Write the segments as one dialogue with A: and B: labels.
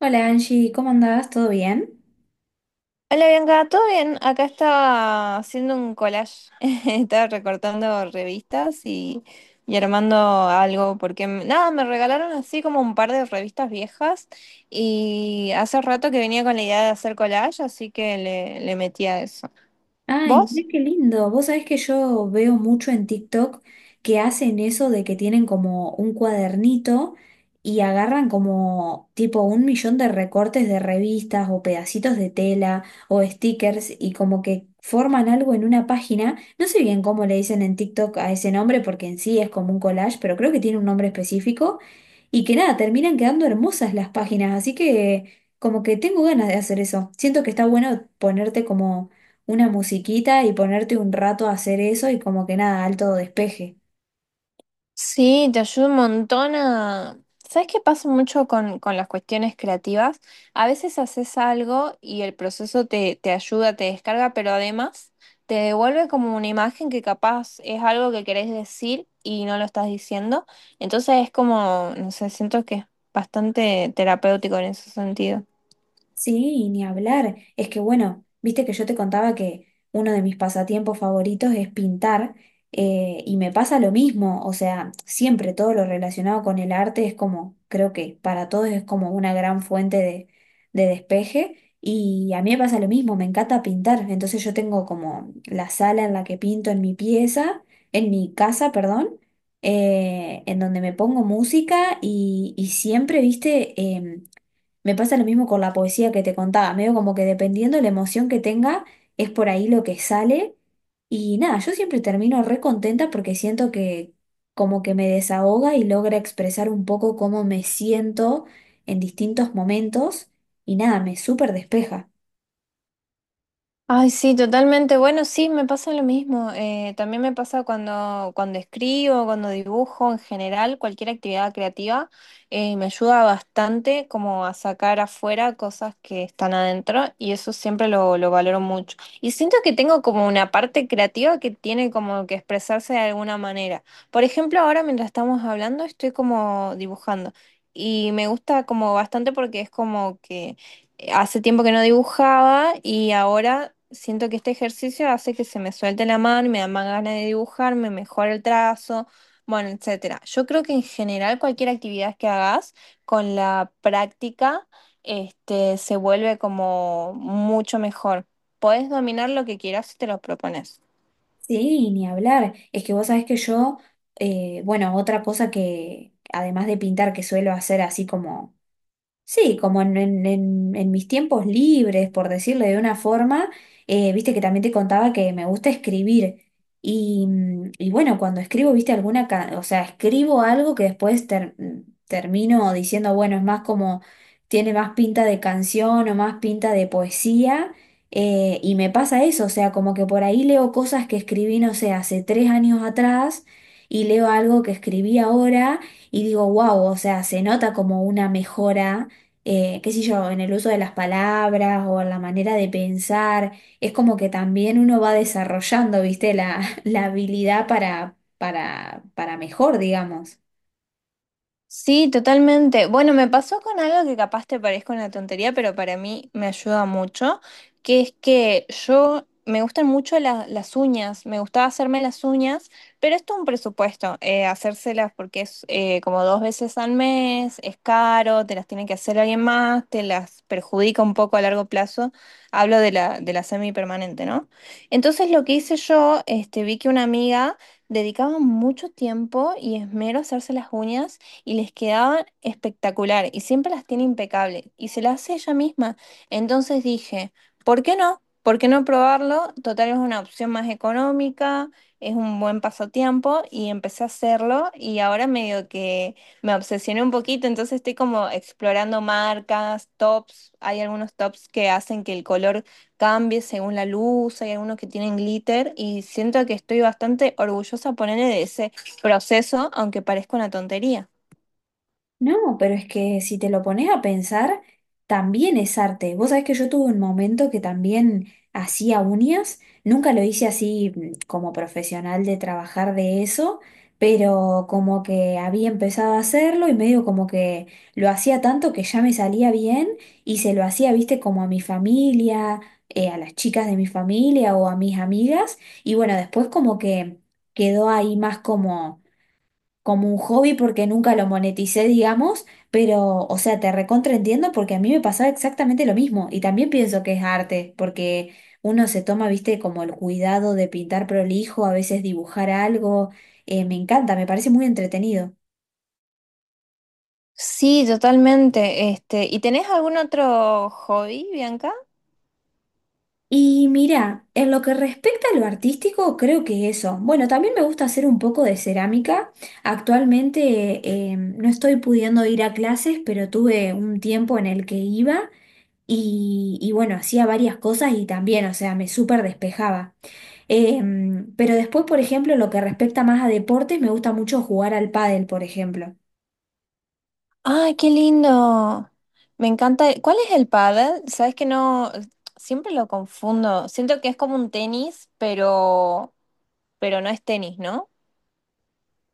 A: Hola Angie, ¿cómo andás? ¿Todo bien?
B: Hola Bianca, ¿todo bien? Acá estaba haciendo un collage, estaba recortando revistas y armando algo, porque nada, me regalaron así como un par de revistas viejas y hace rato que venía con la idea de hacer collage, así que le metí a eso.
A: Ay,
B: ¿Vos?
A: mira qué lindo. Vos sabés que yo veo mucho en TikTok que hacen eso de que tienen como un cuadernito y agarran como tipo un millón de recortes de revistas o pedacitos de tela o stickers y como que forman algo en una página. No sé bien cómo le dicen en TikTok a ese nombre porque en sí es como un collage, pero creo que tiene un nombre específico y que nada, terminan quedando hermosas las páginas. Así que como que tengo ganas de hacer eso. Siento que está bueno ponerte como una musiquita y ponerte un rato a hacer eso y como que nada, alto despeje.
B: Sí, te ayuda un montón a... ¿Sabes qué pasa mucho con las cuestiones creativas? A veces haces algo y el proceso te ayuda, te descarga, pero además te devuelve como una imagen que capaz es algo que querés decir y no lo estás diciendo. Entonces es como, no sé, siento que es bastante terapéutico en ese sentido.
A: Sí, ni hablar. Es que bueno, viste que yo te contaba que uno de mis pasatiempos favoritos es pintar, y me pasa lo mismo, o sea, siempre todo lo relacionado con el arte es como, creo que para todos es como una gran fuente de despeje y a mí me pasa lo mismo, me encanta pintar, entonces yo tengo como la sala en la que pinto en mi pieza, en mi casa, perdón, en donde me pongo música y siempre, viste, me pasa lo mismo con la poesía que te contaba, medio como que dependiendo de la emoción que tenga, es por ahí lo que sale. Y nada, yo siempre termino re contenta porque siento que como que me desahoga y logra expresar un poco cómo me siento en distintos momentos. Y nada, me súper despeja.
B: Ay, sí, totalmente. Bueno, sí, me pasa lo mismo. También me pasa cuando escribo, cuando dibujo, en general, cualquier actividad creativa, me ayuda bastante como a sacar afuera cosas que están adentro y eso siempre lo valoro mucho. Y siento que tengo como una parte creativa que tiene como que expresarse de alguna manera. Por ejemplo, ahora mientras estamos hablando, estoy como dibujando y me gusta como bastante porque es como que... Hace tiempo que no dibujaba y ahora siento que este ejercicio hace que se me suelte la mano, me da más ganas de dibujar, me mejora el trazo, bueno, etcétera. Yo creo que en general cualquier actividad que hagas con la práctica, se vuelve como mucho mejor. Podés dominar lo que quieras si te lo propones.
A: Sí, ni hablar. Es que vos sabés que yo, bueno, otra cosa que, además de pintar, que suelo hacer así como sí, como en mis tiempos libres, por decirle de una forma, viste que también te contaba que me gusta escribir. Y, y bueno, cuando escribo, viste o sea, escribo algo que después termino diciendo, bueno, es más como, tiene más pinta de canción o más pinta de poesía. Eh, y me pasa eso, o sea, como que por ahí leo cosas que escribí, no sé, hace 3 años atrás y leo algo que escribí ahora y digo, wow, o sea, se nota como una mejora, qué sé yo, en el uso de las palabras o en la manera de pensar. Es como que también uno va desarrollando, viste, la, la habilidad para mejor, digamos.
B: Sí, totalmente. Bueno, me pasó con algo que capaz te parezca una tontería, pero para mí me ayuda mucho, que es que yo me gustan mucho las uñas, me gustaba hacerme las uñas, pero esto es un presupuesto, hacérselas porque es como dos veces al mes, es caro, te las tiene que hacer alguien más, te las perjudica un poco a largo plazo. Hablo de de la semipermanente, ¿no? Entonces lo que hice yo, vi que una amiga dedicaba mucho tiempo y esmero a hacerse las uñas y les quedaban espectacular y siempre las tiene impecables y se las hace ella misma. Entonces dije, ¿por qué no? ¿Por qué no probarlo? Total es una opción más económica, es un buen pasatiempo y empecé a hacerlo y ahora medio que me obsesioné un poquito, entonces estoy como explorando marcas, tops, hay algunos tops que hacen que el color cambie según la luz, hay algunos que tienen glitter y siento que estoy bastante orgullosa ponerle de ese proceso, aunque parezca una tontería.
A: No, pero es que si te lo pones a pensar, también es arte. Vos sabés que yo tuve un momento que también hacía uñas, nunca lo hice así como profesional de trabajar de eso, pero como que había empezado a hacerlo y medio como que lo hacía tanto que ya me salía bien y se lo hacía, viste, como a mi familia, a las chicas de mi familia o a mis amigas y bueno, después como que quedó ahí más como como un hobby porque nunca lo moneticé, digamos, pero, o sea, te recontraentiendo porque a mí me pasaba exactamente lo mismo y también pienso que es arte, porque uno se toma, viste, como el cuidado de pintar prolijo, a veces dibujar algo, me encanta, me parece muy entretenido.
B: Sí, totalmente. Este, ¿y tenés algún otro hobby, Bianca?
A: Y mira, en lo que respecta a lo artístico, creo que eso. Bueno, también me gusta hacer un poco de cerámica. Actualmente no estoy pudiendo ir a clases, pero tuve un tiempo en el que iba. Y bueno, hacía varias cosas y también, o sea, me súper despejaba. Pero después, por ejemplo, lo que respecta más a deportes, me gusta mucho jugar al pádel, por ejemplo.
B: ¡Ay, qué lindo! Me encanta. ¿Cuál es el pádel? Sabes que no, siempre lo confundo. Siento que es como un tenis, pero no es tenis, ¿no?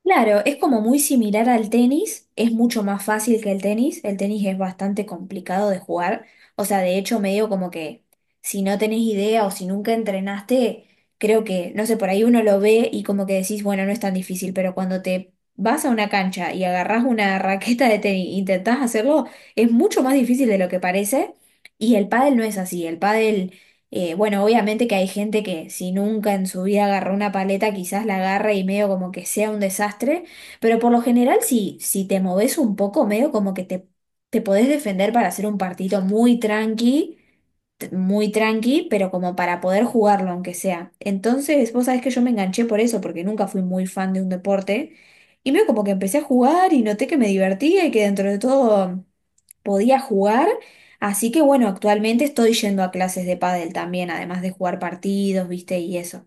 A: Claro, es como muy similar al tenis, es mucho más fácil que el tenis es bastante complicado de jugar, o sea, de hecho medio como que si no tenés idea o si nunca entrenaste, creo que, no sé, por ahí uno lo ve y como que decís, bueno, no es tan difícil, pero cuando te vas a una cancha y agarrás una raqueta de tenis, e intentás hacerlo, es mucho más difícil de lo que parece y el pádel no es así, el pádel bueno, obviamente que hay gente que si nunca en su vida agarró una paleta, quizás la agarra y medio como que sea un desastre, pero por lo general si, si te moves un poco, medio como que te podés defender para hacer un partido muy tranqui, muy tranqui, pero como para poder jugarlo aunque sea. Entonces, vos sabés que yo me enganché por eso, porque nunca fui muy fan de un deporte, y medio como que empecé a jugar y noté que me divertía y que dentro de todo podía jugar. Así que bueno, actualmente estoy yendo a clases de pádel también, además de jugar partidos, viste, y eso.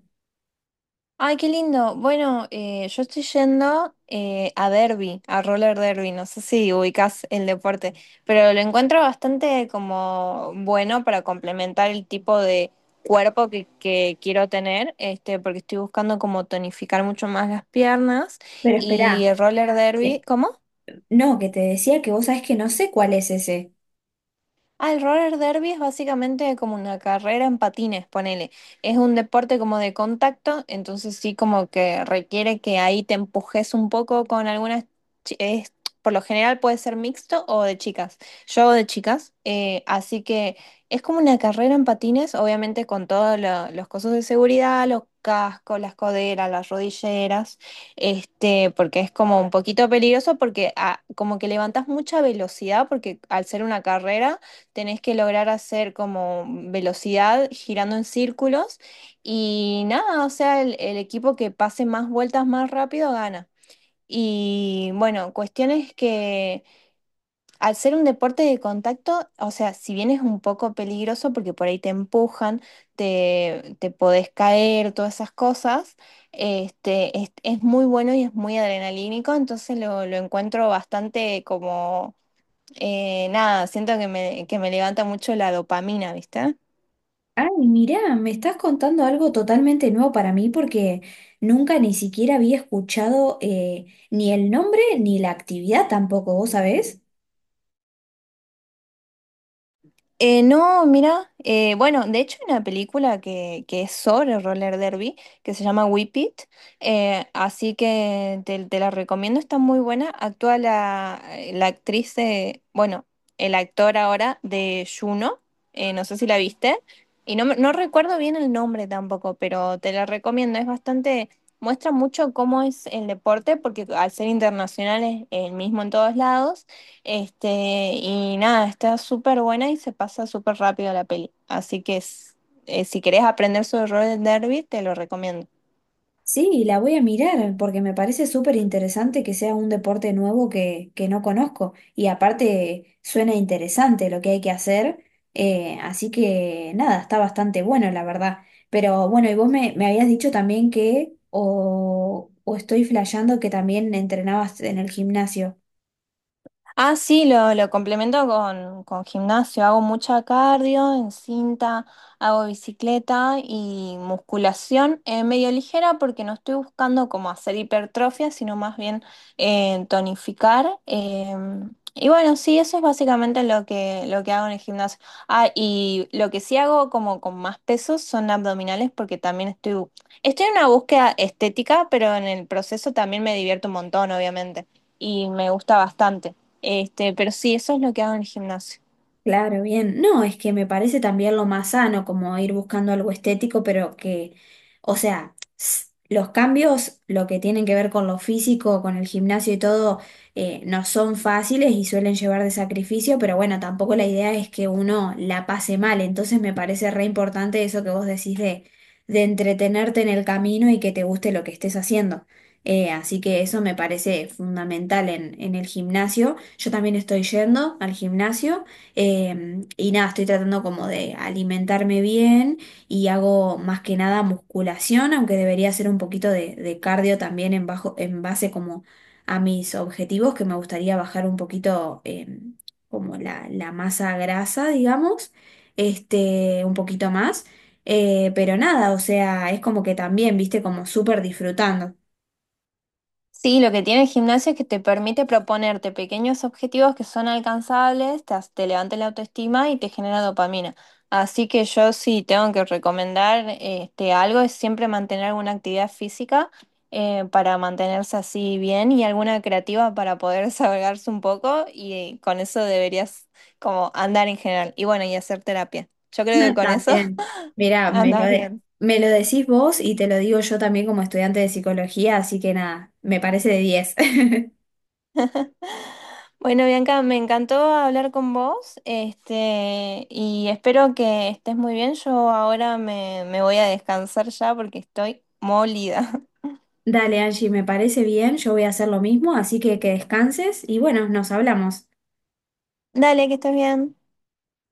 B: Ay, qué lindo. Bueno, yo estoy yendo a derby, a roller derby. No sé si ubicás el deporte, pero lo encuentro bastante como bueno para complementar el tipo de cuerpo que quiero tener, este, porque estoy buscando como tonificar mucho más las piernas
A: Pero
B: y
A: esperá,
B: el roller
A: eh,
B: derby. ¿Cómo?
A: no, que te decía que vos sabés que no sé cuál es ese.
B: Ah, el roller derby es básicamente como una carrera en patines, ponele. Es un deporte como de contacto, entonces sí como que requiere que ahí te empujes un poco con algunas... chi- es- por lo general puede ser mixto o de chicas. Yo hago de chicas, así que es como una carrera en patines, obviamente con todos los cosos de seguridad, los cascos, las coderas, las rodilleras, este, porque es como un poquito peligroso porque como que levantas mucha velocidad porque al ser una carrera tenés que lograr hacer como velocidad girando en círculos y nada, o sea, el equipo que pase más vueltas más rápido gana. Y bueno, cuestiones que al ser un deporte de contacto, o sea, si bien es un poco peligroso porque por ahí te empujan, te podés caer, todas esas cosas, es muy bueno y es muy adrenalínico, entonces lo encuentro bastante como nada, siento que que me levanta mucho la dopamina, ¿viste?
A: Ay, mirá, me estás contando algo totalmente nuevo para mí porque nunca ni siquiera había escuchado, ni el nombre ni la actividad tampoco, ¿vos sabés?
B: No, mira, bueno, de hecho hay una película que es sobre roller derby que se llama Whip It, así que te la recomiendo, está muy buena. Actúa la, la actriz de, bueno, el actor ahora de Juno, no sé si la viste, y no, no recuerdo bien el nombre tampoco, pero te la recomiendo, es bastante, muestra mucho cómo es el deporte, porque al ser internacional es el mismo en todos lados este, y nada, está súper buena y se pasa súper rápido la peli. Si querés aprender sobre Roger Derby, te lo recomiendo.
A: Sí, la voy a mirar porque me parece súper interesante que sea un deporte nuevo que no conozco y aparte suena interesante lo que hay que hacer, así que nada, está bastante bueno la verdad. Pero bueno, y vos me, me habías dicho también que o estoy flasheando que también entrenabas en el gimnasio.
B: Ah, sí, lo complemento con gimnasio. Hago mucha cardio en cinta, hago bicicleta y musculación medio ligera porque no estoy buscando como hacer hipertrofia, sino más bien tonificar. Y bueno, sí, eso es básicamente lo lo que hago en el gimnasio. Ah, y lo que sí hago como con más pesos son abdominales porque también estoy en una búsqueda estética, pero en el proceso también me divierto un montón, obviamente, y me gusta bastante. Este, pero sí, eso es lo que hago en el gimnasio.
A: Claro, bien. No, es que me parece también lo más sano, como ir buscando algo estético, pero que, o sea, los cambios, lo que tienen que ver con lo físico, con el gimnasio y todo, no son fáciles y suelen llevar de sacrificio, pero bueno, tampoco la idea es que uno la pase mal. Entonces me parece re importante eso que vos decís de entretenerte en el camino y que te guste lo que estés haciendo. Así que eso me parece fundamental en el gimnasio. Yo también estoy yendo al gimnasio. Y nada, estoy tratando como de alimentarme bien y hago más que nada musculación, aunque debería hacer un poquito de cardio también en bajo, en base como a mis objetivos, que me gustaría bajar un poquito, como la masa grasa, digamos, este, un poquito más. Pero nada, o sea, es como que también, viste, como súper disfrutando.
B: Sí, lo que tiene el gimnasio es que te permite proponerte pequeños objetivos que son alcanzables, te levanta la autoestima y te genera dopamina. Así que yo sí tengo que recomendar este, algo, es siempre mantener alguna actividad física para mantenerse así bien y alguna creativa para poder desahogarse un poco y con eso deberías como andar en general. Y bueno, y hacer terapia. Yo creo que con eso
A: También, mira,
B: andas bien.
A: me lo decís vos y te lo digo yo también como estudiante de psicología, así que nada, me parece de diez.
B: Bueno, Bianca, me encantó hablar con vos, este, y espero que estés muy bien. Yo ahora me voy a descansar ya porque estoy molida.
A: Dale, Angie, me parece bien, yo voy a hacer lo mismo, así que descanses y bueno, nos hablamos.
B: Dale, que estés bien.